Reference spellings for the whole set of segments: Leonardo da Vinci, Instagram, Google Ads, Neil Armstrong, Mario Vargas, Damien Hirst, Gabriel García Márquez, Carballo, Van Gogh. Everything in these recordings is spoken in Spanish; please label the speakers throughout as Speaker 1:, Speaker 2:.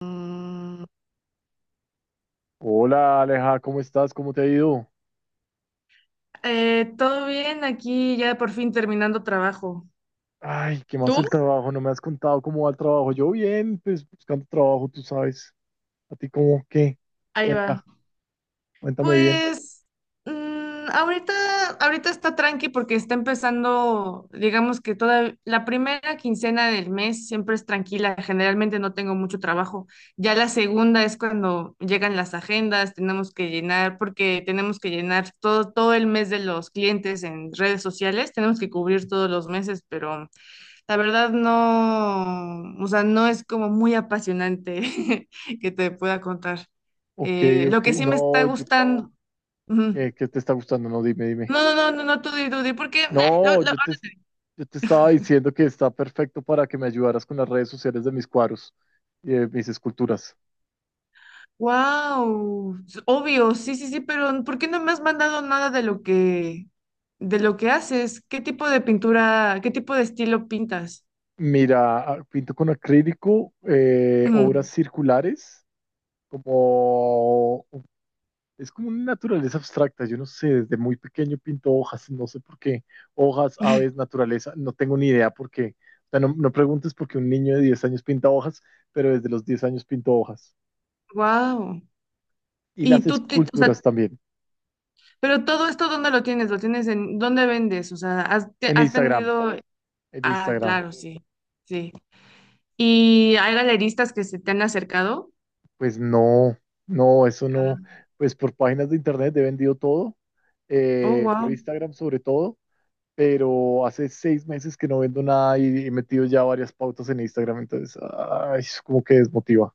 Speaker 1: Mm.
Speaker 2: Hola Aleja, ¿cómo estás? ¿Cómo te ha ido?
Speaker 1: Todo bien, aquí ya por fin terminando trabajo.
Speaker 2: Ay, ¿qué más el
Speaker 1: ¿Tú?
Speaker 2: trabajo? No me has contado cómo va el trabajo. Yo bien, pues buscando trabajo, tú sabes. ¿A ti cómo qué?
Speaker 1: Ahí va.
Speaker 2: Cuenta, cuéntame bien.
Speaker 1: Pues ahorita está tranqui porque está empezando, digamos que toda la primera quincena del mes siempre es tranquila, generalmente no tengo mucho trabajo. Ya la segunda es cuando llegan las agendas, tenemos que llenar, porque tenemos que llenar todo el mes de los clientes en redes sociales, tenemos que cubrir todos los meses, pero la verdad no, o sea, no es como muy apasionante que te pueda contar.
Speaker 2: Ok,
Speaker 1: Lo
Speaker 2: ok.
Speaker 1: que sí me está
Speaker 2: No, yo,
Speaker 1: gustando. Ujú.
Speaker 2: ¿qué te está gustando? No, dime, dime.
Speaker 1: No, no, no, no, no, tú di, porque.
Speaker 2: No, yo te estaba diciendo que está perfecto para que me ayudaras con las redes sociales de mis cuadros y de mis esculturas.
Speaker 1: Wow, obvio, sí, sí, sí, pero ¿por qué no me has mandado nada de lo que haces? ¿Qué tipo de pintura, qué tipo de estilo pintas?
Speaker 2: Mira, ah, pinto con acrílico, obras circulares, como es como una naturaleza abstracta, yo no sé, desde muy pequeño pinto hojas, no sé por qué, hojas, aves, naturaleza, no tengo ni idea por qué. O sea, no, no preguntes por qué un niño de 10 años pinta hojas, pero desde los 10 años pinto hojas.
Speaker 1: Wow.
Speaker 2: Y
Speaker 1: Y
Speaker 2: las
Speaker 1: tú, o sea,
Speaker 2: esculturas también,
Speaker 1: pero todo esto, ¿dónde lo tienes? ¿Lo tienes en, dónde vendes? O sea,
Speaker 2: en
Speaker 1: has
Speaker 2: Instagram,
Speaker 1: tenido?
Speaker 2: en
Speaker 1: Ah,
Speaker 2: Instagram.
Speaker 1: claro, sí, sí. ¿Y hay galeristas que se te han acercado?
Speaker 2: Pues no, no, eso no,
Speaker 1: Ah.
Speaker 2: pues por páginas de internet he vendido todo,
Speaker 1: Oh,
Speaker 2: por
Speaker 1: wow.
Speaker 2: Instagram sobre todo, pero hace 6 meses que no vendo nada y he metido ya varias pautas en Instagram, entonces, ay, es como que desmotiva.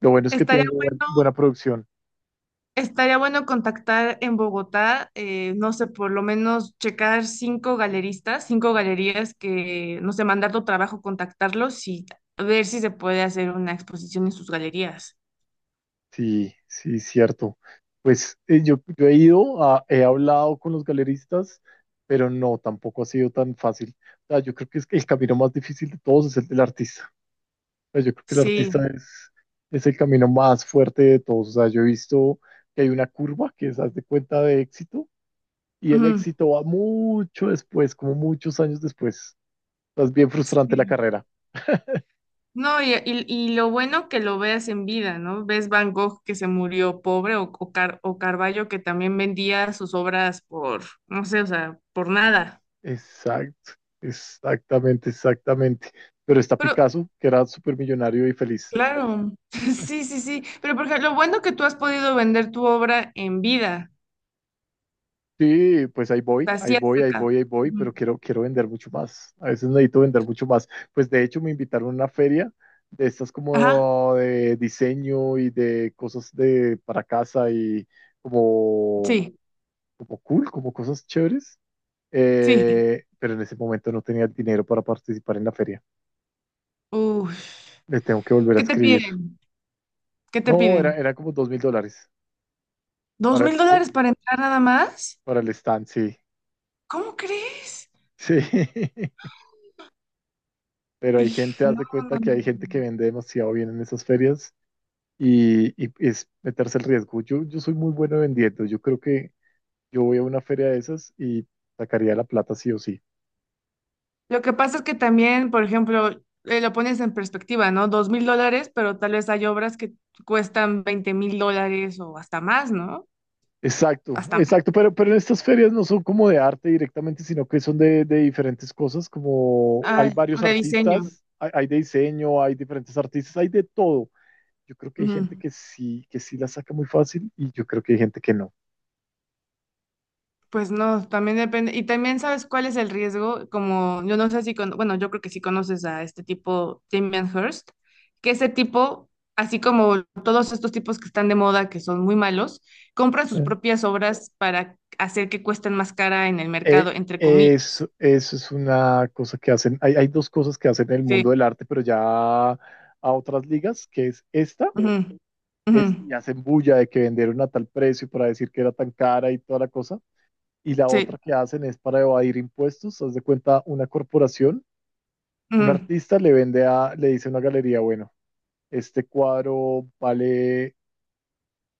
Speaker 2: Lo bueno es que
Speaker 1: Estaría
Speaker 2: tengo
Speaker 1: bueno,
Speaker 2: buena producción.
Speaker 1: estaría bueno contactar en Bogotá, no sé, por lo menos checar cinco galeristas, cinco galerías que, no sé, mandar tu trabajo, contactarlos y ver si se puede hacer una exposición en sus galerías.
Speaker 2: Sí, sí, cierto. Pues yo he ido, he hablado con los galeristas, pero no, tampoco ha sido tan fácil. O sea, yo creo que es que el camino más difícil de todos es el del artista. O sea, yo creo que el
Speaker 1: Sí.
Speaker 2: artista es el camino más fuerte de todos. O sea, yo he visto que hay una curva que es, haz de cuenta, de éxito, y el
Speaker 1: Ujú,
Speaker 2: éxito va mucho después, como muchos años después. O sea, es bien frustrante la
Speaker 1: sí.
Speaker 2: carrera.
Speaker 1: No, y lo bueno que lo veas en vida, ¿no? Ves Van Gogh que se murió pobre o Carballo que también vendía sus obras por, no sé, o sea, por nada.
Speaker 2: Exacto, exactamente, exactamente. Pero está
Speaker 1: Pero,
Speaker 2: Picasso, que era súper millonario y feliz.
Speaker 1: claro, sí, sí, sí. Pero por ejemplo, lo bueno que tú has podido vender tu obra en vida,
Speaker 2: Sí, pues ahí voy, ahí
Speaker 1: así has
Speaker 2: voy, ahí
Speaker 1: sacado.
Speaker 2: voy, ahí voy, pero
Speaker 1: Ujú.
Speaker 2: quiero, quiero vender mucho más. A veces necesito vender mucho más. Pues de hecho me invitaron a una feria de estas
Speaker 1: Ajá,
Speaker 2: como de diseño y de cosas de para casa y como,
Speaker 1: sí,
Speaker 2: como cool, como cosas chéveres.
Speaker 1: sí.
Speaker 2: Pero en ese momento no tenía el dinero para participar en la feria.
Speaker 1: Uf.
Speaker 2: Le tengo que volver a
Speaker 1: ¿Qué te
Speaker 2: escribir.
Speaker 1: piden? ¿Qué te
Speaker 2: No, era,
Speaker 1: piden?
Speaker 2: era como $2,000.
Speaker 1: ¿Dos
Speaker 2: Para,
Speaker 1: mil
Speaker 2: pu-
Speaker 1: dólares para entrar nada más?
Speaker 2: para el stand, sí.
Speaker 1: ¿Cómo crees?
Speaker 2: Sí. Pero hay gente, haz
Speaker 1: No,
Speaker 2: de cuenta
Speaker 1: no,
Speaker 2: que hay gente que
Speaker 1: no.
Speaker 2: vende demasiado bien en esas ferias y es meterse el riesgo. Yo soy muy bueno vendiendo. Yo creo que yo voy a una feria de esas y sacaría la plata sí o sí.
Speaker 1: Lo que pasa es que también, por ejemplo, lo pones en perspectiva, ¿no? $2.000, pero tal vez hay obras que cuestan $20.000 o hasta más, ¿no?
Speaker 2: Exacto,
Speaker 1: Hasta más.
Speaker 2: exacto. Pero en estas ferias no son como de arte directamente, sino que son de diferentes cosas. Como hay varios
Speaker 1: De diseño.
Speaker 2: artistas, hay de diseño, hay diferentes artistas, hay de todo. Yo creo que hay gente
Speaker 1: Ujú.
Speaker 2: que sí la saca muy fácil y yo creo que hay gente que no.
Speaker 1: Pues no, también depende. Y también sabes cuál es el riesgo, como yo no sé si, con, bueno, yo creo que sí conoces a este tipo, Damien Hirst, que ese tipo, así como todos estos tipos que están de moda, que son muy malos, compran sus propias obras para hacer que cuesten más cara en el
Speaker 2: Eh,
Speaker 1: mercado, entre comillas.
Speaker 2: eso, eso es una cosa que hacen. Hay dos cosas que hacen en el mundo
Speaker 1: Sí.
Speaker 2: del arte, pero ya a otras ligas, que es esta,
Speaker 1: Ujú, ujú,
Speaker 2: es, y hacen bulla de que vendieron a tal precio para decir que era tan cara y toda la cosa. Y la
Speaker 1: sí,
Speaker 2: otra que hacen es para evadir impuestos. Haz de cuenta, una corporación, un
Speaker 1: ujú,
Speaker 2: artista le vende a, le dice a una galería, bueno, este cuadro vale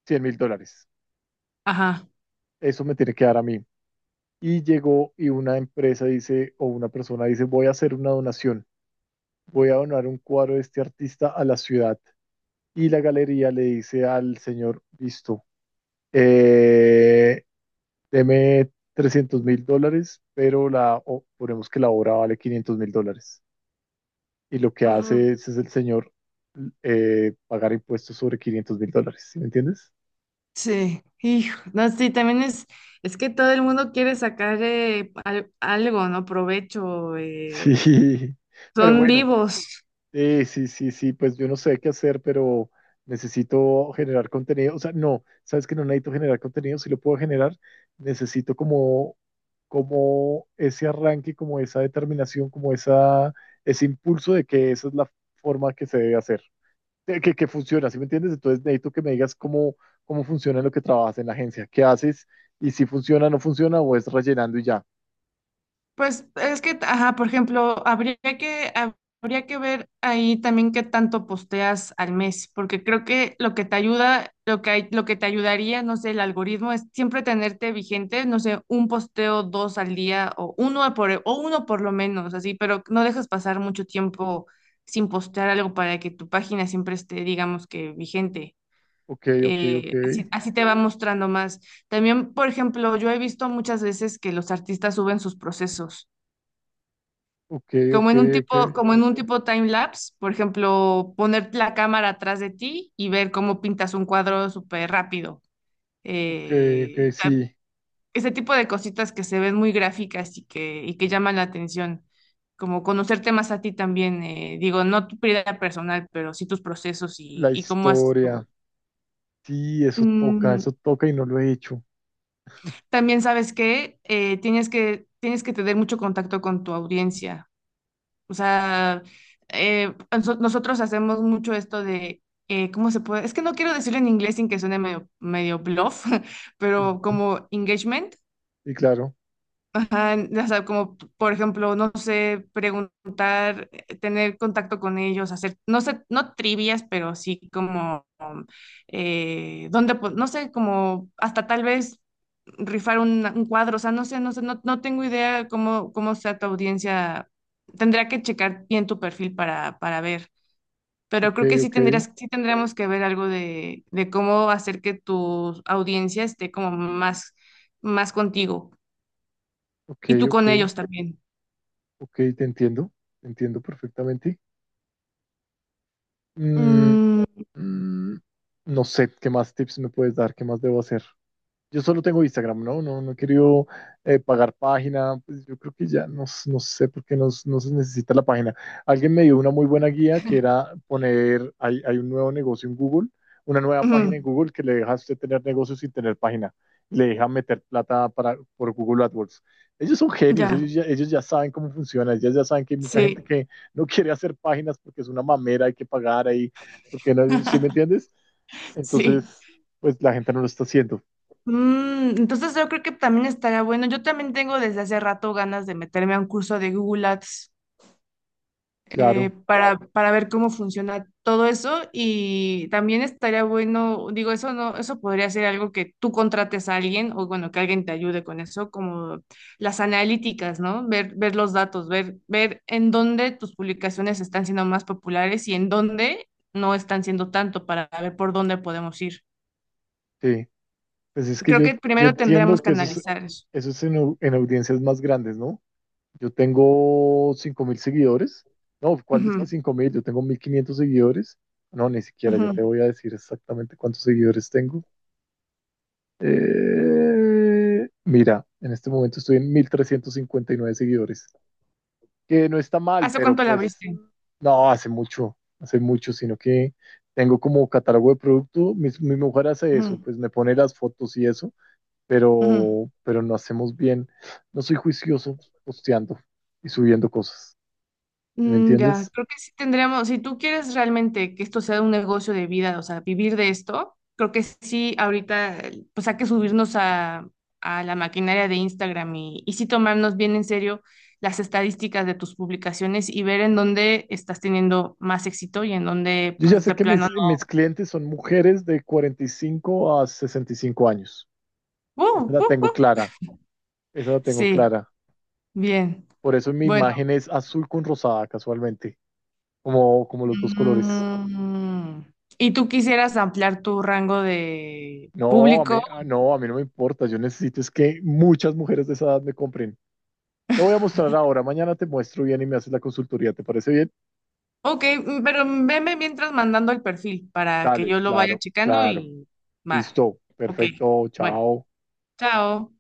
Speaker 2: $100,000.
Speaker 1: ajá.
Speaker 2: Eso me tiene que dar a mí. Y llegó y una empresa dice, o una persona dice, voy a hacer una donación, voy a donar un cuadro de este artista a la ciudad. Y la galería le dice al señor, listo, eh, deme 300 mil dólares, pero la, ponemos que la obra vale $500,000. Y lo que
Speaker 1: Ujú.
Speaker 2: hace es el señor pagar impuestos sobre $500,000, ¿sí me entiendes?
Speaker 1: Sí, hijo, no, sí, también es que todo el mundo quiere sacar algo, ¿no? Provecho,
Speaker 2: Sí, pero
Speaker 1: son
Speaker 2: bueno,
Speaker 1: vivos.
Speaker 2: sí, sí, sí, sí, pues yo no sé qué hacer, pero necesito generar contenido. O sea, no, sabes que no necesito generar contenido, si lo puedo generar, necesito como, como ese arranque, como esa determinación, como esa, ese impulso de que esa es la forma que se debe hacer, de que funciona, ¿sí me entiendes? Entonces necesito que me digas cómo, cómo funciona lo que trabajas en la agencia, qué haces y si funciona, no funciona o es rellenando y ya.
Speaker 1: Pues es que, ajá, por ejemplo, habría que ver ahí también qué tanto posteas al mes, porque creo que lo que te ayuda, lo que te ayudaría, no sé, el algoritmo es siempre tenerte vigente, no sé, un posteo, dos al día o o uno por lo menos, así, pero no dejes pasar mucho tiempo sin postear algo para que tu página siempre esté, digamos que vigente.
Speaker 2: Ok, ok, ok,
Speaker 1: Así te va mostrando más. También, por ejemplo, yo he visto muchas veces que los artistas suben sus procesos.
Speaker 2: ok, ok,
Speaker 1: Como en un
Speaker 2: ok,
Speaker 1: tipo, como en un tipo time lapse, por ejemplo, poner la cámara atrás de ti y ver cómo pintas un cuadro súper rápido.
Speaker 2: ok, ok,
Speaker 1: Eh,
Speaker 2: sí.
Speaker 1: Ese tipo de cositas que se ven muy gráficas y y que llaman la atención. Como conocerte más a ti también, digo, no tu vida personal, pero sí tus procesos
Speaker 2: La
Speaker 1: y cómo haces tú.
Speaker 2: historia. Sí,
Speaker 1: Mm,
Speaker 2: eso toca y no lo he hecho.
Speaker 1: También sabes que tienes que tener mucho contacto con tu audiencia. O sea, nosotros hacemos mucho esto de, ¿cómo se puede? Es que no quiero decirlo en inglés sin que suene medio, medio bluff, pero
Speaker 2: Ujú.
Speaker 1: como engagement.
Speaker 2: Y claro,
Speaker 1: Ajá, o sea, como por ejemplo, no sé, preguntar, tener contacto con ellos, hacer, no sé, no trivias, pero sí como, dónde, no sé, como hasta tal vez rifar un cuadro, o sea, no sé, no sé, no, no tengo idea cómo sea tu audiencia, tendría que checar bien tu perfil para ver, pero
Speaker 2: ok,
Speaker 1: creo que
Speaker 2: ok,
Speaker 1: sí tendríamos que ver algo de cómo hacer que tu audiencia esté como más, más contigo
Speaker 2: ok,
Speaker 1: y tú
Speaker 2: ok,
Speaker 1: con ellos también.
Speaker 2: ok, te entiendo perfectamente. Mm,
Speaker 1: Mm,
Speaker 2: mm, no sé, ¿qué más tips me puedes dar? ¿Qué más debo hacer? Yo solo tengo Instagram, ¿no? No, no he querido pagar página. Pues yo creo que ya no, no sé por qué no, no se necesita la página. Alguien me dio una muy buena guía que era poner, hay un nuevo negocio en Google, una nueva página en
Speaker 1: ujú,
Speaker 2: Google que le deja a usted tener negocios sin tener página. Le deja meter plata para, por Google AdWords. Ellos son genios,
Speaker 1: ya,
Speaker 2: ellos ya saben cómo funciona, ellos ya saben que hay mucha gente
Speaker 1: sí,
Speaker 2: que no quiere hacer páginas porque es una mamera, hay que pagar ahí, porque no, ¿sí me entiendes?
Speaker 1: sí.
Speaker 2: Entonces, pues la gente no lo está haciendo.
Speaker 1: Entonces yo creo que también estaría bueno. Yo también tengo desde hace rato ganas de meterme a un curso de Google Ads. eh,
Speaker 2: Claro,
Speaker 1: para, para ver cómo funciona todo eso y también estaría bueno, digo, eso no, eso podría ser algo que tú contrates a alguien o bueno, que alguien te ayude con eso, como las analíticas, ¿no? Ver los datos, ver en dónde tus publicaciones están siendo más populares y en dónde no están siendo tanto para ver por dónde podemos ir.
Speaker 2: sí. Pues es que
Speaker 1: Creo
Speaker 2: yo,
Speaker 1: que
Speaker 2: yo
Speaker 1: primero
Speaker 2: entiendo
Speaker 1: tendríamos que
Speaker 2: que
Speaker 1: analizar eso.
Speaker 2: eso es en, en audiencias más grandes, ¿no? Yo tengo 5,000 seguidores. No, ¿cuál es que
Speaker 1: Ujú,
Speaker 2: 5,000? Yo tengo 1,500 seguidores. No, ni siquiera, ya
Speaker 1: ujú.
Speaker 2: te voy a decir exactamente cuántos seguidores tengo. Mira, en este momento estoy en 1,359 seguidores, que no está mal,
Speaker 1: ¿Hace
Speaker 2: pero
Speaker 1: cuánto la
Speaker 2: pues
Speaker 1: abriste?
Speaker 2: no, hace mucho, sino que tengo como catálogo de producto. Mi mujer hace eso,
Speaker 1: Ujú,
Speaker 2: pues me pone las fotos y eso,
Speaker 1: ujú.
Speaker 2: pero no hacemos bien. No soy juicioso posteando y subiendo cosas. ¿Sí? ¿Me
Speaker 1: Ya,
Speaker 2: entiendes?
Speaker 1: creo que sí tendríamos, si tú quieres realmente que esto sea un negocio de vida, o sea, vivir de esto, creo que sí, ahorita, pues hay que subirnos a la maquinaria de Instagram y sí tomarnos bien en serio las estadísticas de tus publicaciones y ver en dónde estás teniendo más éxito y en dónde,
Speaker 2: Yo ya
Speaker 1: pues
Speaker 2: sé
Speaker 1: de
Speaker 2: que mis,
Speaker 1: plano
Speaker 2: mis clientes son mujeres de 45 a 65 años. Esa
Speaker 1: no.
Speaker 2: la tengo clara, esa la tengo
Speaker 1: Sí,
Speaker 2: clara.
Speaker 1: bien.
Speaker 2: Por eso mi
Speaker 1: Bueno,
Speaker 2: imagen es azul con rosada, casualmente, como, como los dos colores.
Speaker 1: mm, ¿y tú quisieras ampliar tu rango de
Speaker 2: No, a
Speaker 1: público?
Speaker 2: mí, ah, no, a mí no me importa. Yo necesito es que muchas mujeres de esa edad me compren. Te voy a mostrar ahora, mañana te muestro bien y me haces la consultoría. ¿Te parece bien?
Speaker 1: Ok, pero veme mientras mandando el perfil para que
Speaker 2: Dale,
Speaker 1: yo lo vaya
Speaker 2: claro,
Speaker 1: checando
Speaker 2: claro.
Speaker 1: y va.
Speaker 2: Listo,
Speaker 1: Ok,
Speaker 2: perfecto,
Speaker 1: bueno,
Speaker 2: chao.
Speaker 1: chao.